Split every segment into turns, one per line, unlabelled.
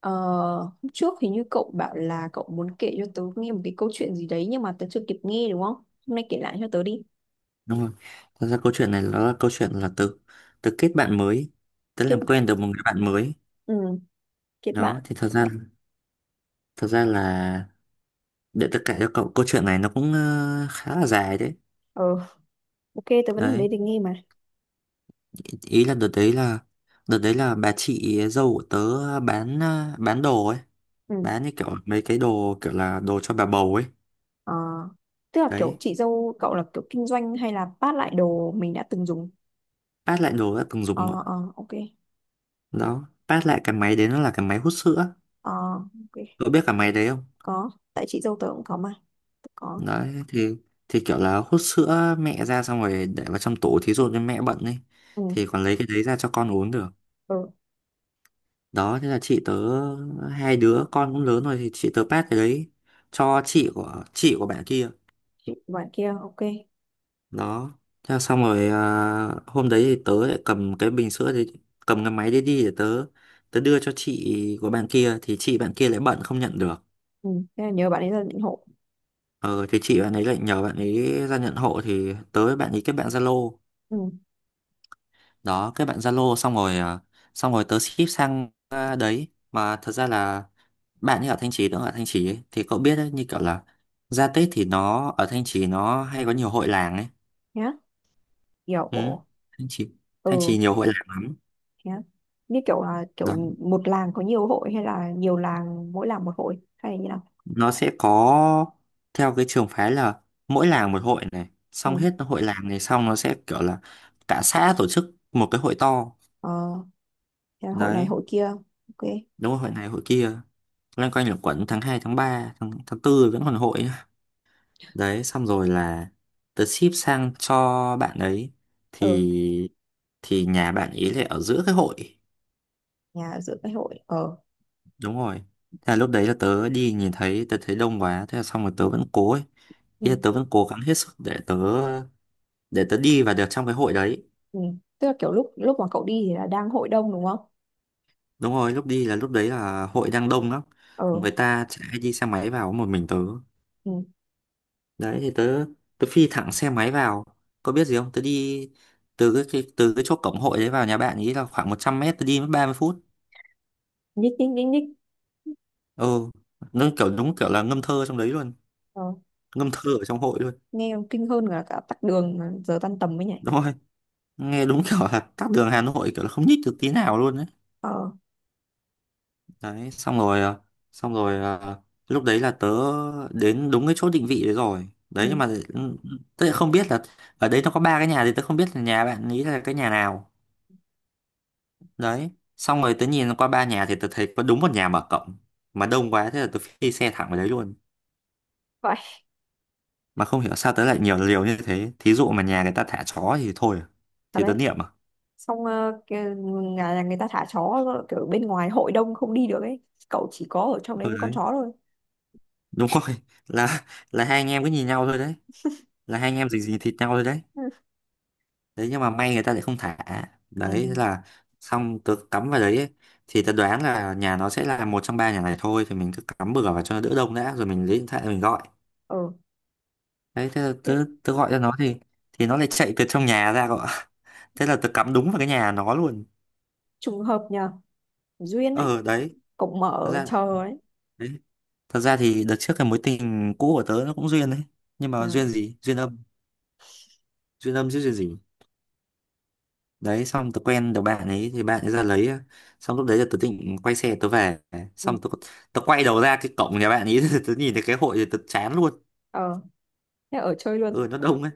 Ờ, Hôm trước thì như cậu bảo là cậu muốn kể cho tớ nghe một cái câu chuyện gì đấy nhưng mà tớ chưa kịp nghe đúng không? Hôm nay kể lại cho tớ đi.
Đúng rồi, thật ra câu chuyện này nó là câu chuyện là từ từ kết bạn mới, tớ
Kết
làm quen được một người bạn mới.
ừ, kết
Đó
bạn.
thì thật ra là, để tất cả cho cậu, câu chuyện này nó cũng khá là dài đấy.
Ờ, ok, tớ vẫn ở
Đấy,
đây để nghe mà.
ý ý là đợt đấy là bà chị dâu của tớ bán bán đồ ấy,
Ừ.
bán như kiểu mấy cái đồ kiểu là đồ cho bà bầu ấy.
Ờ, Tức là kiểu
Đấy,
chị dâu cậu là kiểu kinh doanh hay là phát lại đồ mình đã từng dùng?
phát lại đồ đã từng dùng đó.
Ờ, ờ, ok.
Đó, phát lại cái máy đấy, nó là cái máy hút sữa.
Ờ, ok.
Cậu biết cái máy đấy không?
Có. Tại chị dâu tớ cũng có mà. Tớ có.
Đấy thì kiểu là hút sữa mẹ ra xong rồi để vào trong tủ, thí dụ như mẹ bận ấy,
Ừ.
thì còn lấy cái đấy ra cho con uống được.
Ừ.
Đó, thế là chị tớ, hai đứa con cũng lớn rồi thì chị tớ pass cái đấy cho chị của bạn kia.
Chị bạn kia, ok.
Đó, thế là xong rồi, hôm đấy thì tớ lại cầm cái bình sữa đấy, cầm cái máy đấy đi để tớ tớ đưa cho chị của bạn kia thì chị bạn kia lại bận không nhận được.
Ừ. Thế là nhớ bạn ấy là định hộ.
Ờ thì chị bạn ấy lại nhờ bạn ấy ra nhận hộ, thì tớ với bạn ấy kết bạn Zalo.
Ừ.
Đó, kết bạn Zalo xong rồi, xong rồi tớ ship sang, đấy. Mà thật ra là bạn như ở Thanh Trì nữa, ở Thanh Trì ấy, thì cậu biết đấy, như kiểu là ra Tết thì nó ở Thanh Trì nó hay có nhiều hội làng ấy.
Nhá.
Ừ,
Kiểu,
Thanh Trì,
ừ.
Nhiều hội làng lắm.
Thế á? Như kiểu là
Đó,
kiểu một làng có nhiều hội hay là nhiều làng mỗi làng một hội hay là như nào?
nó sẽ có, theo cái trường phái là mỗi làng một hội này, xong
Ừ.
hết hội làng này xong nó sẽ kiểu là cả xã tổ chức một cái hội to.
Ờ, Thế là hội này
Đấy,
hội kia. Ok.
đúng rồi, hội này hội kia, loanh quanh là quẩn tháng 2 tháng 3 tháng tư vẫn còn hội. Đấy, xong rồi là tớ ship sang cho bạn ấy
Ừ,
thì thì nhà bạn ấy lại ở giữa cái hội.
nhà ở giữa cái hội. Ờ.
Đúng rồi. Thế là lúc đấy là tớ đi nhìn thấy, tớ thấy đông quá, thế là xong rồi tớ vẫn cố ấy.
Ừ.
Ý là tớ vẫn cố gắng hết sức để tớ đi và được trong cái hội đấy.
Ừ. Tức là kiểu lúc lúc mà cậu đi thì là đang hội đông đúng không?
Đúng rồi, lúc đi là lúc đấy là hội đang đông lắm.
Ờ.
Người ta chạy đi xe máy vào có một mình tớ.
Ừ.
Đấy thì tớ tớ phi thẳng xe máy vào, có biết gì không, tớ đi từ cái chỗ cổng hội đấy vào nhà bạn ý là khoảng 100 m, tớ đi mất 30 phút.
Nhích nhích nhích nhích.
Ừ, nó kiểu đúng kiểu là ngâm thơ trong đấy luôn,
Ờ.
ngâm thơ ở trong hội luôn.
Nghe còn kinh hơn là cả tắc đường mà giờ tan tầm mới nhỉ.
Đúng rồi, nghe đúng kiểu là tắc đường Hà Nội, kiểu là không nhích được tí nào luôn đấy.
Ờ.
Đấy, xong rồi, lúc đấy là tớ đến đúng cái chỗ định vị đấy rồi đấy, nhưng
Ừ.
mà tớ lại không biết là ở đấy nó có ba cái nhà thì tớ không biết là nhà bạn ý là cái nhà nào. Đấy, xong rồi tớ nhìn qua ba nhà thì tớ thấy có đúng một nhà mở cộng, mà đông quá thế là tớ phi xe thẳng vào đấy luôn.
Vậy.
Mà không hiểu sao tớ lại nhiều liều như thế, thí dụ mà nhà người ta thả chó thì thôi à,
Thật
thì
đấy.
tớ niệm à.
Xong nhà nhà người ta thả chó, kiểu bên ngoài hội đông không đi được ấy. Cậu chỉ có ở trong đấy
Ừ
với con
đấy,
chó thôi.
đúng rồi là là hai anh em cứ nhìn nhau thôi đấy, là hai anh em dính dính thịt nhau thôi đấy.
Ừ.
Đấy nhưng mà may người ta lại không thả.
Ừ.
Đấy thế là xong, tớ cắm vào đấy ấy. Thì tớ đoán là nhà nó sẽ là một trong ba nhà này thôi, thì mình cứ cắm bừa vào cho nó đỡ đông đã rồi mình lấy điện thoại mình gọi.
Ờ.
Đấy thế là
Tiếp.
tớ, gọi cho nó thì nó lại chạy từ trong nhà ra gọi. Thế là tớ cắm đúng vào cái nhà nó luôn.
Trùng hợp nhờ. Duyên ấy.
ờ đấy
Cổng
thật
mở
ra
chờ ấy.
đấy thật ra thì đợt trước cái mối tình cũ của tớ nó cũng duyên đấy, nhưng mà
Nhờ.
duyên gì, duyên âm, duyên âm chứ duyên gì. Đấy, xong tớ quen được bạn ấy thì bạn ấy ra lấy, xong lúc đấy là tớ định quay xe tớ về,
Ừ.
xong tớ tớ quay đầu ra cái cổng nhà bạn ấy tớ nhìn thấy cái hội thì tớ chán luôn.
Ờ. Thế ở chơi luôn.
Ừ, nó đông ấy,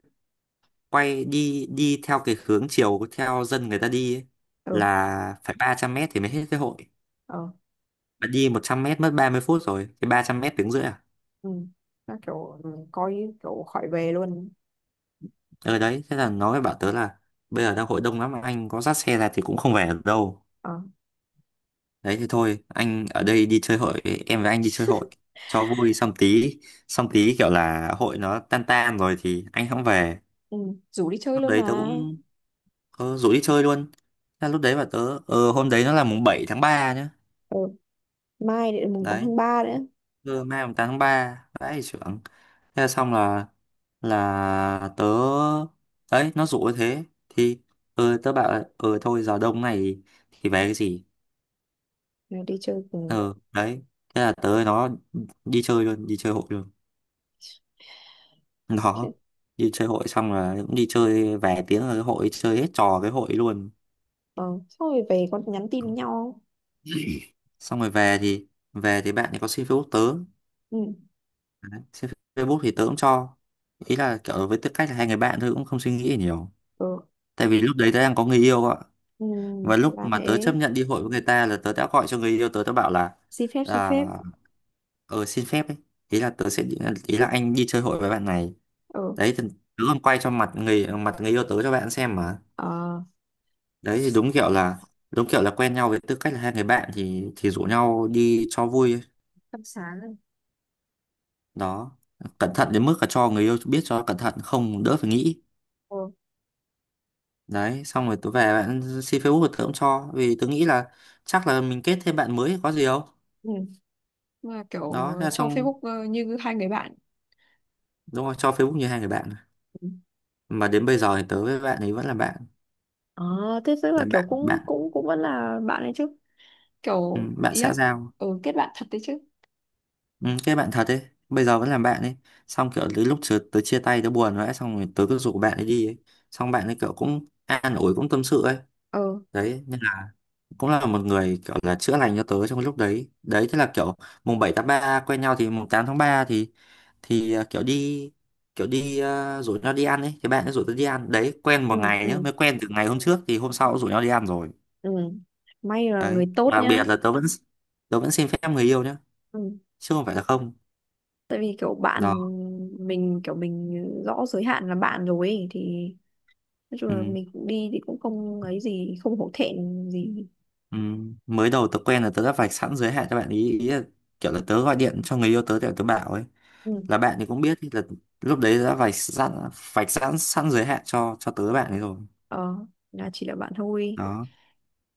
quay đi đi theo cái hướng chiều theo dân người ta đi ấy,
Ừ.
là phải 300 m thì mới hết cái hội.
Ờ.
Bạn đi 100 m mất 30 phút rồi, cái 300 m tiếng rưỡi à.
Ừ. Nó kiểu coi kiểu khỏi về luôn.
Ờ đấy, thế là nó mới bảo tớ là: bây giờ đang hội đông lắm, anh có dắt xe ra thì cũng không về được đâu.
Ờ.
Đấy thì thôi, anh ở đây đi chơi hội, em với anh đi chơi hội cho vui, xong tí, kiểu là hội nó tan tan rồi thì anh không về.
Ừ. Rủ đi chơi
Lúc
luôn
đấy tớ
mà.
cũng, rủ đi chơi luôn. Thế là lúc đấy bảo tớ, hôm đấy nó là mùng 7 tháng 3 nhá.
Ừ. Mai đến mùng 8
Đấy,
tháng ba nữa.
cơ mai mùng 8 tháng 3, vãi trưởng. Thế là xong, là tớ, đấy, nó rủ như thế thì tớ bảo là, ờ thôi giờ đông này thì về cái gì.
Rồi đi chơi cùng.
Ờ Đấy thế là tớ với nó đi chơi luôn, đi chơi hội luôn. Đó, đi chơi hội xong là cũng đi chơi về tiếng, là cái hội chơi hết trò cái hội luôn.
Ờ. Xong rồi về còn nhắn tin với nhau.
Xong rồi về thì, bạn ấy có xin Facebook tớ.
Ừ.
Đấy, xin Facebook thì tớ cũng cho, ý là kiểu với tư cách là hai người bạn thôi, cũng không suy nghĩ nhiều.
Ừ.
Tại vì lúc đấy tớ đang có người yêu ạ,
Ừ.
và lúc
Là
mà tớ chấp
thế.
nhận đi hội với người ta là tớ đã gọi cho người yêu tớ tớ bảo là,
Xin phép xin
à,
phép.
ờ xin phép ấy. Ý là tớ sẽ ý là anh đi chơi hội với bạn này.
Ừ.
Đấy, thì tớ còn quay cho mặt người yêu tớ cho bạn xem mà.
Ờ.
Đấy thì đúng kiểu là quen nhau với tư cách là hai người bạn thì rủ nhau đi cho vui ấy.
Tâm sáng rồi.
Đó, cẩn thận đến mức là cho người yêu biết cho cẩn thận, không đỡ phải nghĩ.
Ừ.
Đấy, xong rồi tớ về, bạn xin Facebook của tớ cũng cho, vì tớ nghĩ là chắc là mình kết thêm bạn mới có gì đâu.
Ừ. Mà kiểu
Đó, ra
cho
xong,
Facebook, như hai người bạn.
đúng rồi, cho Facebook như hai người bạn.
Ừ.
Mà đến bây giờ thì tớ với bạn ấy vẫn là bạn,
À, thế tức là
là
kiểu
bạn
cũng
bạn.
cũng cũng vẫn là bạn ấy chứ.
Ừ,
Kiểu
bạn
ý
xã
là
giao.
kết bạn thật đấy chứ.
Ừ, cái bạn thật ấy, bây giờ vẫn là bạn ấy. Xong kiểu đến lúc tớ chia tay tớ buồn rồi ấy, xong rồi tớ cứ rủ bạn ấy đi ấy. Xong bạn ấy kiểu cũng an ủi, cũng tâm sự ấy.
Ừ,
Đấy, nên là cũng là một người kiểu là chữa lành cho tớ trong cái lúc đấy. Đấy thế là kiểu mùng 7 tháng 3 quen nhau thì mùng 8 tháng 3 thì kiểu đi, rủ nhau đi ăn ấy, thì bạn ấy rủ tớ đi ăn đấy, quen một
ừ,
ngày nhá,
ừ,
mới quen từ ngày hôm trước thì hôm sau cũng rủ nhau đi ăn rồi.
ừ. May là
Đấy,
người tốt
đặc
nhá.
biệt là tớ vẫn xin phép người yêu nhá,
Ừ.
chứ không phải là không.
Tại vì kiểu bạn
Đó.
mình, kiểu mình rõ giới hạn là bạn rồi ấy, thì nói chung
Ừ.
là mình cũng đi thì cũng không ấy gì, không hổ thẹn gì.
Ừ. Mới đầu tớ quen là tớ đã vạch sẵn giới hạn cho bạn ý ý là kiểu là tớ gọi điện cho người yêu tớ để tớ bảo ấy
Ừ.
là bạn, thì cũng biết ý là lúc đấy đã vạch sẵn sẵn giới hạn cho tớ bạn ấy rồi.
Ờ, là chỉ là bạn thôi.
Đó.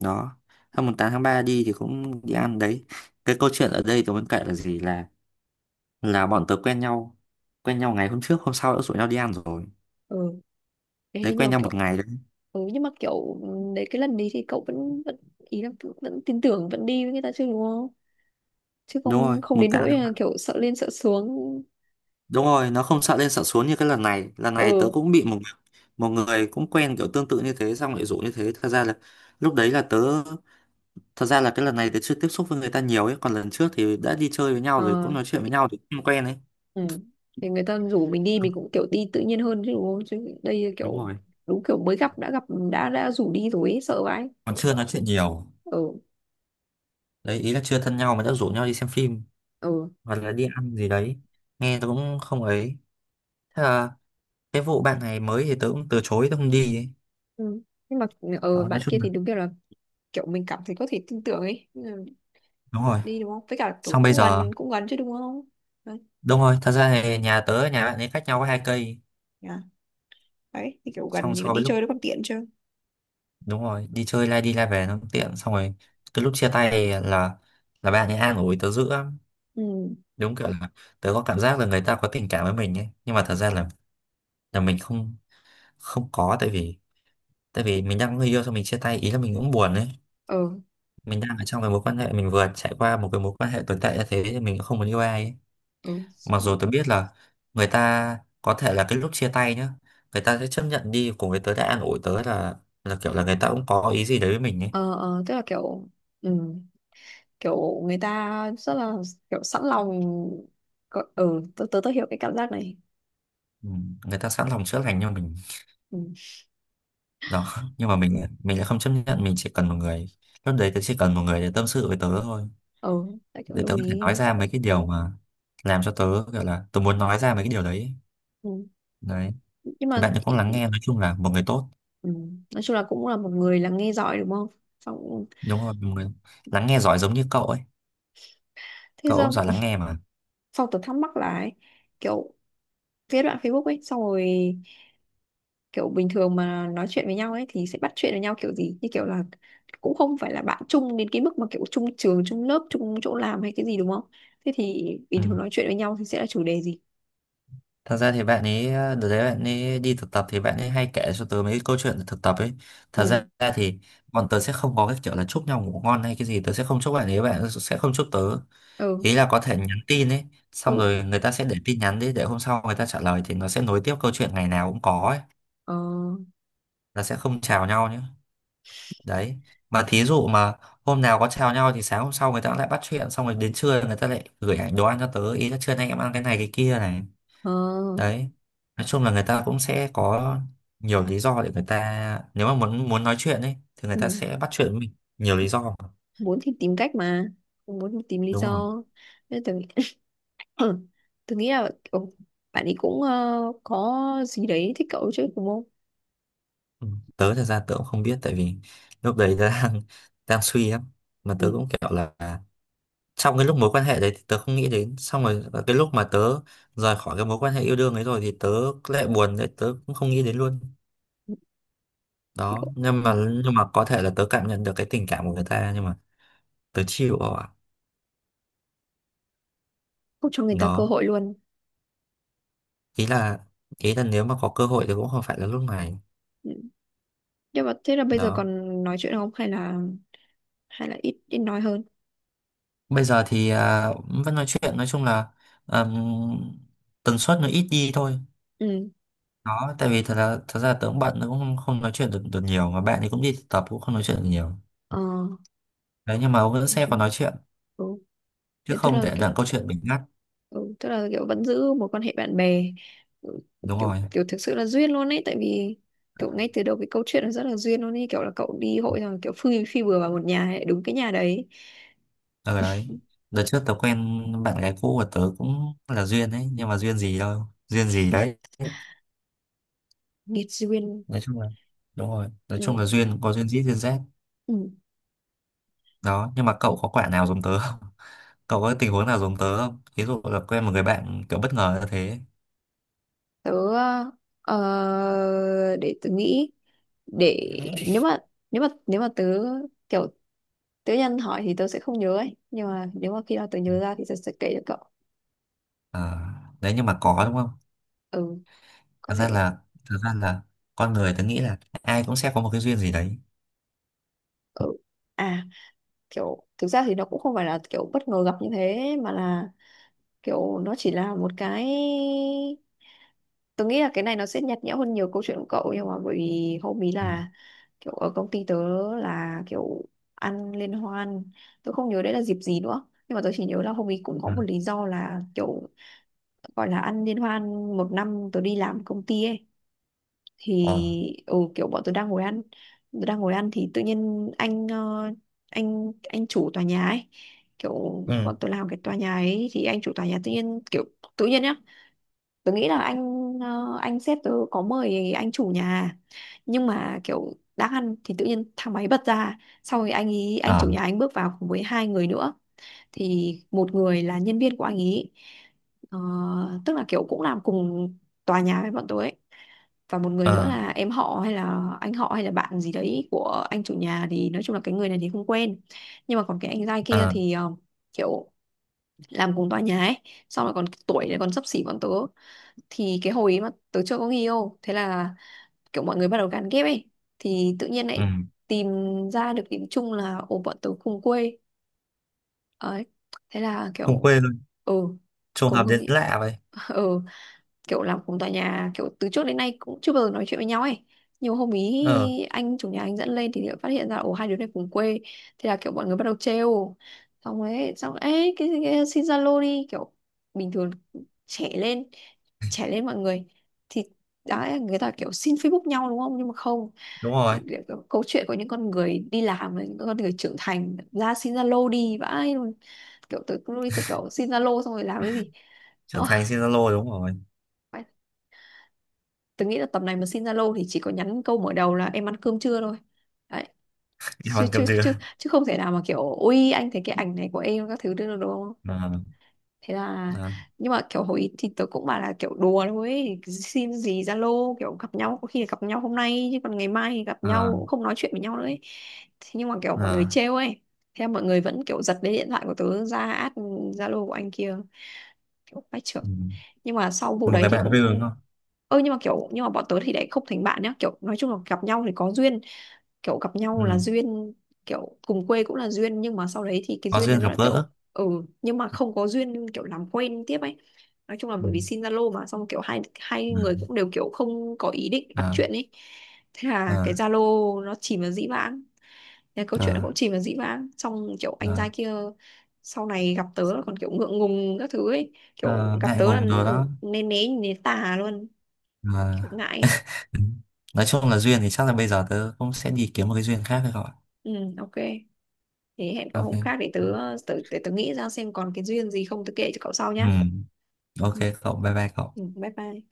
Đó, hôm mùng 8 tháng 3 đi thì cũng đi ăn đấy. Cái câu chuyện ở đây tôi muốn kể là gì, là bọn tớ quen nhau, quen nhau ngày hôm trước hôm sau đã rủ nhau đi ăn rồi.
Ừ.
Đấy,
Ê, nhưng
quen
mà
nhau một
kiểu
ngày đấy.
ừ, nhưng mà kiểu ừ, đấy cái lần đấy thì cậu vẫn vẫn ý là vẫn tin tưởng vẫn đi với người ta chứ đúng không? Chứ
Đúng rồi
không không
mùng
đến
tám.
nỗi là kiểu sợ lên sợ xuống.
Đúng rồi, nó không sợ lên sợ xuống như cái lần này. Lần này tớ
Ừ,
cũng bị một, người cũng quen kiểu tương tự như thế xong lại rủ như thế. Thật ra là lúc đấy là tớ thật ra là cái lần này tớ chưa tiếp xúc với người ta nhiều ấy, còn lần trước thì đã đi chơi với nhau rồi, cũng
ờ,
nói chuyện với nhau thì cũng quen ấy.
ừ. Thì người ta rủ mình đi mình cũng kiểu đi tự nhiên hơn chứ đúng không, chứ đây
Đúng
kiểu
rồi.
đúng kiểu mới gặp đã rủ đi rồi ấy, sợ vãi.
Còn chưa nói chuyện nhiều.
Ừ,
Đấy, ý là chưa thân nhau mà đã rủ nhau đi xem phim
ừ,
hoặc là đi ăn gì đấy. Nghe tớ cũng không ấy. Thế là cái vụ bạn này mới thì tớ cũng từ chối, tớ không đi ấy.
ừ. Nhưng mà
Đó, nói
bạn kia
chung là
thì đúng kiểu là kiểu mình cảm thấy có thể tin tưởng ấy. Nhưng mà
đúng rồi.
đi đúng không, với cả kiểu
Xong bây
cũng
giờ,
gần cũng gần chứ đúng không đấy,
đúng rồi, thật ra thì nhà tớ và nhà bạn ấy cách nhau có hai cây,
yeah. Đấy thì kiểu gần
xong
thì
so với
đi
lúc,
chơi nó còn tiện chứ.
đúng rồi, đi chơi lai đi lai về nó cũng tiện. Xong rồi cái lúc chia tay thì là bạn ấy an ủi tớ dữ lắm,
Ừ,
đúng kiểu là tớ có cảm giác là người ta có tình cảm với mình ấy, nhưng mà thật ra là mình không không có, tại vì mình đang có người yêu, xong mình chia tay, ý là mình cũng buồn ấy.
ờ,
Mình đang ở trong cái mối quan hệ, mình vừa trải qua một cái mối quan hệ tồi tệ như thế thì mình cũng không muốn yêu ai ấy.
ừ.
Mặc dù tớ biết là người ta có thể là cái lúc chia tay nhá, người ta sẽ chấp nhận đi cùng với tớ, đã an ủi tớ, là kiểu là người ta cũng có ý gì đấy với mình ấy.
Ờ, ờ, tức là kiểu, ừ. Kiểu người ta rất là kiểu sẵn lòng có- ừ tớ tớ, tớ hiểu cái cảm giác này.
Ừ, người ta sẵn lòng chữa lành cho mình.
Ừ,
Đó, nhưng mà mình lại không chấp nhận, mình chỉ cần một người. Lúc đấy tớ chỉ cần một người để tâm sự với tớ thôi,
ừ, tại kiểu
để
đồng
tớ có thể nói
ý.
ra mấy cái điều mà làm cho tớ, gọi là tớ muốn nói ra mấy cái điều đấy.
Ừ.
Đấy,
Nhưng
thì
mà,
bạn ấy cũng lắng nghe, nói chung là một người tốt,
ừ. Nói chung là cũng là một người là nghe giỏi đúng không, xong.
đúng rồi, một người lắng nghe giỏi giống như cậu ấy.
Thế
Cậu cũng
xong
giỏi lắng nghe mà.
xong tớ thắc mắc là ấy, kiểu cái đoạn Facebook ấy, xong rồi kiểu bình thường mà nói chuyện với nhau ấy thì sẽ bắt chuyện với nhau kiểu gì, như kiểu là cũng không phải là bạn chung đến cái mức mà kiểu chung trường chung lớp chung chỗ làm hay cái gì đúng không, thế thì bình
Ừ.
thường nói chuyện với nhau thì sẽ là chủ đề gì.
Thật ra thì bạn ấy, đợt đấy bạn ấy đi thực tập thì bạn ấy hay kể cho tớ mấy cái câu chuyện thực tập ấy. Thật
Ừ,
ra thì bọn tớ sẽ không có cái kiểu là chúc nhau ngủ ngon hay cái gì, tớ sẽ không chúc bạn ấy, bạn ấy sẽ không chúc tớ,
ừ,
ý là có thể nhắn tin ấy, xong
ừ,
rồi người ta sẽ để tin nhắn đi để hôm sau người ta trả lời thì nó sẽ nối tiếp câu chuyện, ngày nào cũng có ấy.
ờ,
Là sẽ không chào nhau nhé. Đấy, mà thí dụ mà hôm nào có chào nhau thì sáng hôm sau người ta lại bắt chuyện, xong rồi đến trưa người ta lại gửi ảnh đồ ăn cho tớ, ý là trưa nay em ăn cái này cái kia này.
ờ,
Đấy, nói chung là người ta cũng sẽ có nhiều lý do để người ta, nếu mà muốn muốn nói chuyện ấy thì người ta
ừ.
sẽ bắt chuyện với mình, nhiều lý do.
Muốn thì tìm cách, mà không muốn thì tìm lý
Đúng rồi.
do, nên tôi nghĩ tôi nghĩ là kiểu bạn ấy cũng, có gì đấy thích cậu chứ đúng không.
Ừ, tớ thật ra tớ cũng không biết, tại vì lúc đấy tớ đang đang suy lắm, mà tớ
Ừ.
cũng kiểu là, trong cái lúc mối quan hệ đấy thì tớ không nghĩ đến, xong rồi cái lúc mà tớ rời khỏi cái mối quan hệ yêu đương ấy rồi thì tớ lại buồn đấy, tớ cũng không nghĩ đến luôn.
Thế
Đó,
cậu
nhưng mà có thể là tớ cảm nhận được cái tình cảm của người ta, nhưng mà tớ chịu rồi ạ.
không cho người ta cơ
Đó,
hội luôn.
ý là ý là nếu mà có cơ hội thì cũng không phải là lúc này.
Ừ. Nhưng mà thế là bây giờ
Đó,
còn nói chuyện không hay là ít ít nói hơn.
bây giờ thì vẫn nói chuyện, nói chung là, ừm, tần suất nó ít đi thôi.
Ừ,
Đó, tại vì thật ra tớ cũng bận, tớ cũng không nói chuyện được được nhiều, mà bạn thì cũng đi thực tập, cũng không nói chuyện được nhiều.
ờ,
Đấy, nhưng mà ông vẫn
nói
sẽ còn
chung-
nói chuyện,
Ừ.
chứ
Thế tức
không
là
để đoạn
kiểu
câu chuyện bị ngắt.
ừ, tức là kiểu vẫn giữ một quan hệ bạn bè. Ừ,
Đúng
kiểu
rồi.
kiểu thực sự là duyên luôn ấy, tại vì kiểu ngay từ đầu cái câu chuyện nó rất là duyên luôn ấy, kiểu là cậu đi hội rồi kiểu phi phi bừa vào một nhà ấy, đúng cái nhà đấy.
Ở đấy, đợt trước tớ quen bạn gái cũ của tớ cũng là duyên đấy, nhưng mà duyên gì đâu, duyên gì đấy.
Nghiệt duyên.
Nói chung là đúng rồi, nói chung
Ừ.
là duyên có duyên dít duyên rét.
Ừ.
Đó, nhưng mà cậu có quả nào giống tớ không, cậu có tình huống nào giống tớ không, ví dụ là quen một người bạn kiểu bất ngờ như thế.
Tớ, để tớ nghĩ, để, nếu mà tớ kiểu tớ nhân hỏi thì tớ sẽ không nhớ ấy, nhưng mà nếu mà khi nào tớ nhớ ra thì tớ sẽ kể cho cậu.
À, đấy, nhưng mà có đúng không.
Ừ.
thật
Có thể.
ra là thật ra là con người tớ nghĩ là ai cũng sẽ có một cái duyên gì đấy.
Ừ, à, kiểu thực ra thì nó cũng không phải là kiểu bất ngờ gặp như thế, mà là kiểu nó chỉ là một cái, tôi nghĩ là cái này nó sẽ nhạt nhẽo hơn nhiều câu chuyện của cậu, nhưng mà bởi vì hôm ý
Ừ.
là kiểu ở công ty tớ, là kiểu ăn liên hoan, tôi không nhớ đấy là dịp gì nữa nhưng mà tôi chỉ nhớ là hôm ý cũng có
Ừ.
một lý do là kiểu gọi là ăn liên hoan một năm tôi đi làm công ty ấy, thì
Ờ.
ừ, kiểu bọn tôi đang ngồi ăn tôi đang ngồi ăn thì tự nhiên anh ờ, anh chủ tòa nhà ấy, kiểu
Ừ.
bọn tôi làm cái tòa nhà ấy thì anh chủ tòa nhà tự nhiên kiểu tự nhiên nhá, tớ nghĩ là anh sếp tớ có mời anh chủ nhà, nhưng mà kiểu đang ăn thì tự nhiên thang máy bật ra sau rồi anh ý anh
Ờ.
chủ nhà anh bước vào cùng với hai người nữa, thì một người là nhân viên của anh ý, ờ, tức là kiểu cũng làm cùng tòa nhà với bọn tớ ấy, và một người
Ờ.
nữa là em họ hay là anh họ hay là bạn gì đấy của anh chủ nhà, thì nói chung là cái người này thì không quen, nhưng mà còn cái anh giai kia
Ờ.
thì kiểu làm cùng tòa nhà ấy, xong rồi còn tuổi này còn xấp xỉ bọn tớ, thì cái hồi ấy mà tớ chưa có người yêu thế là kiểu mọi người bắt đầu gán ghép ấy, thì tự nhiên
Ừ.
lại tìm ra được điểm chung là ồ bọn tớ cùng quê ấy, thế là
Cùng
kiểu
quê luôn,
ừ
trùng
cùng
hợp
hương.
đến lạ vậy.
Ừ, kiểu làm cùng tòa nhà kiểu từ trước đến nay cũng chưa bao giờ nói chuyện với nhau ấy, nhiều hôm
Ờ.
ý anh chủ nhà anh dẫn lên thì lại phát hiện ra ồ hai đứa này cùng quê, thế là kiểu mọi người bắt đầu trêu, xong ấy cái xin Zalo đi kiểu bình thường, trẻ lên trẻ lên mọi người thì đã người ta kiểu xin Facebook nhau đúng không, nhưng mà không,
Đúng rồi,
câu chuyện của những con người đi làm và những con người trưởng thành ra xin Zalo đi vãi luôn, kiểu tới lúc ấy tôi kiểu xin Zalo xong rồi làm cái gì.
trưởng thành trên Zalo đúng rồi.
Ờ, tôi nghĩ là tầm này mà xin Zalo thì chỉ có nhắn câu mở đầu là em ăn cơm chưa thôi. Đấy.
Đi
Chứ,
hoàn
chứ,
cầm dừa.
chứ, chứ không thể nào mà kiểu ui anh thấy cái ảnh này của em các thứ được đúng không?
Ờ.
Thế là,
Ờ.
nhưng mà kiểu hồi ý thì tớ cũng bảo là kiểu đùa thôi ấy. Xin gì Zalo, kiểu gặp nhau có khi là gặp nhau hôm nay chứ còn ngày mai thì gặp
Ờ.
nhau cũng không nói chuyện với nhau nữa ấy. Thế nhưng mà kiểu mọi người
Ờ.
trêu ấy. Thế là mọi người vẫn kiểu giật lấy điện thoại của tớ ra add Zalo của anh kia. Kiểu bách trưởng,
Ừ.
nhưng mà sau vụ
Một
đấy
người
thì
bạn vui đúng
cũng,
không.
ơ nhưng mà bọn tớ thì lại không thành bạn nhá, kiểu nói chung là gặp nhau thì có duyên, kiểu gặp nhau là
Ừ,
duyên, kiểu cùng quê cũng là duyên, nhưng mà sau đấy thì cái
có
duyên
duyên
đấy nó là
gặp
kiểu,
gỡ.
ừ, nhưng mà không có duyên kiểu làm quen tiếp ấy, nói chung là
Ừ.
bởi vì xin Zalo mà xong kiểu hai hai người
Ờ.
cũng đều kiểu không có ý định bắt
Ờ.
chuyện ấy, thế là cái
Ờ.
Zalo nó chìm vào dĩ vãng, thế câu chuyện nó
Ờ.
cũng chìm vào dĩ vãng, xong kiểu anh
Ờ,
trai kia sau này gặp tớ là còn kiểu ngượng ngùng các thứ ấy, kiểu
ờ,
gặp
ngại
tớ là
ngùng rồi đó.
nên né nhìn đến tà luôn,
Ờ.
kiểu ngại ấy.
Ừ. Nói chung là duyên thì chắc là bây giờ tớ cũng sẽ đi kiếm một cái duyên khác rồi.
Ừ, ok. Thế hẹn cậu hôm
Ok.
khác để tớ, tớ, để tớ nghĩ ra xem còn cái duyên gì không tớ kể cho cậu sau
Ừ.
nhá.
Ok
Ừ,
cậu, bye bye cậu.
ừ, bye bye.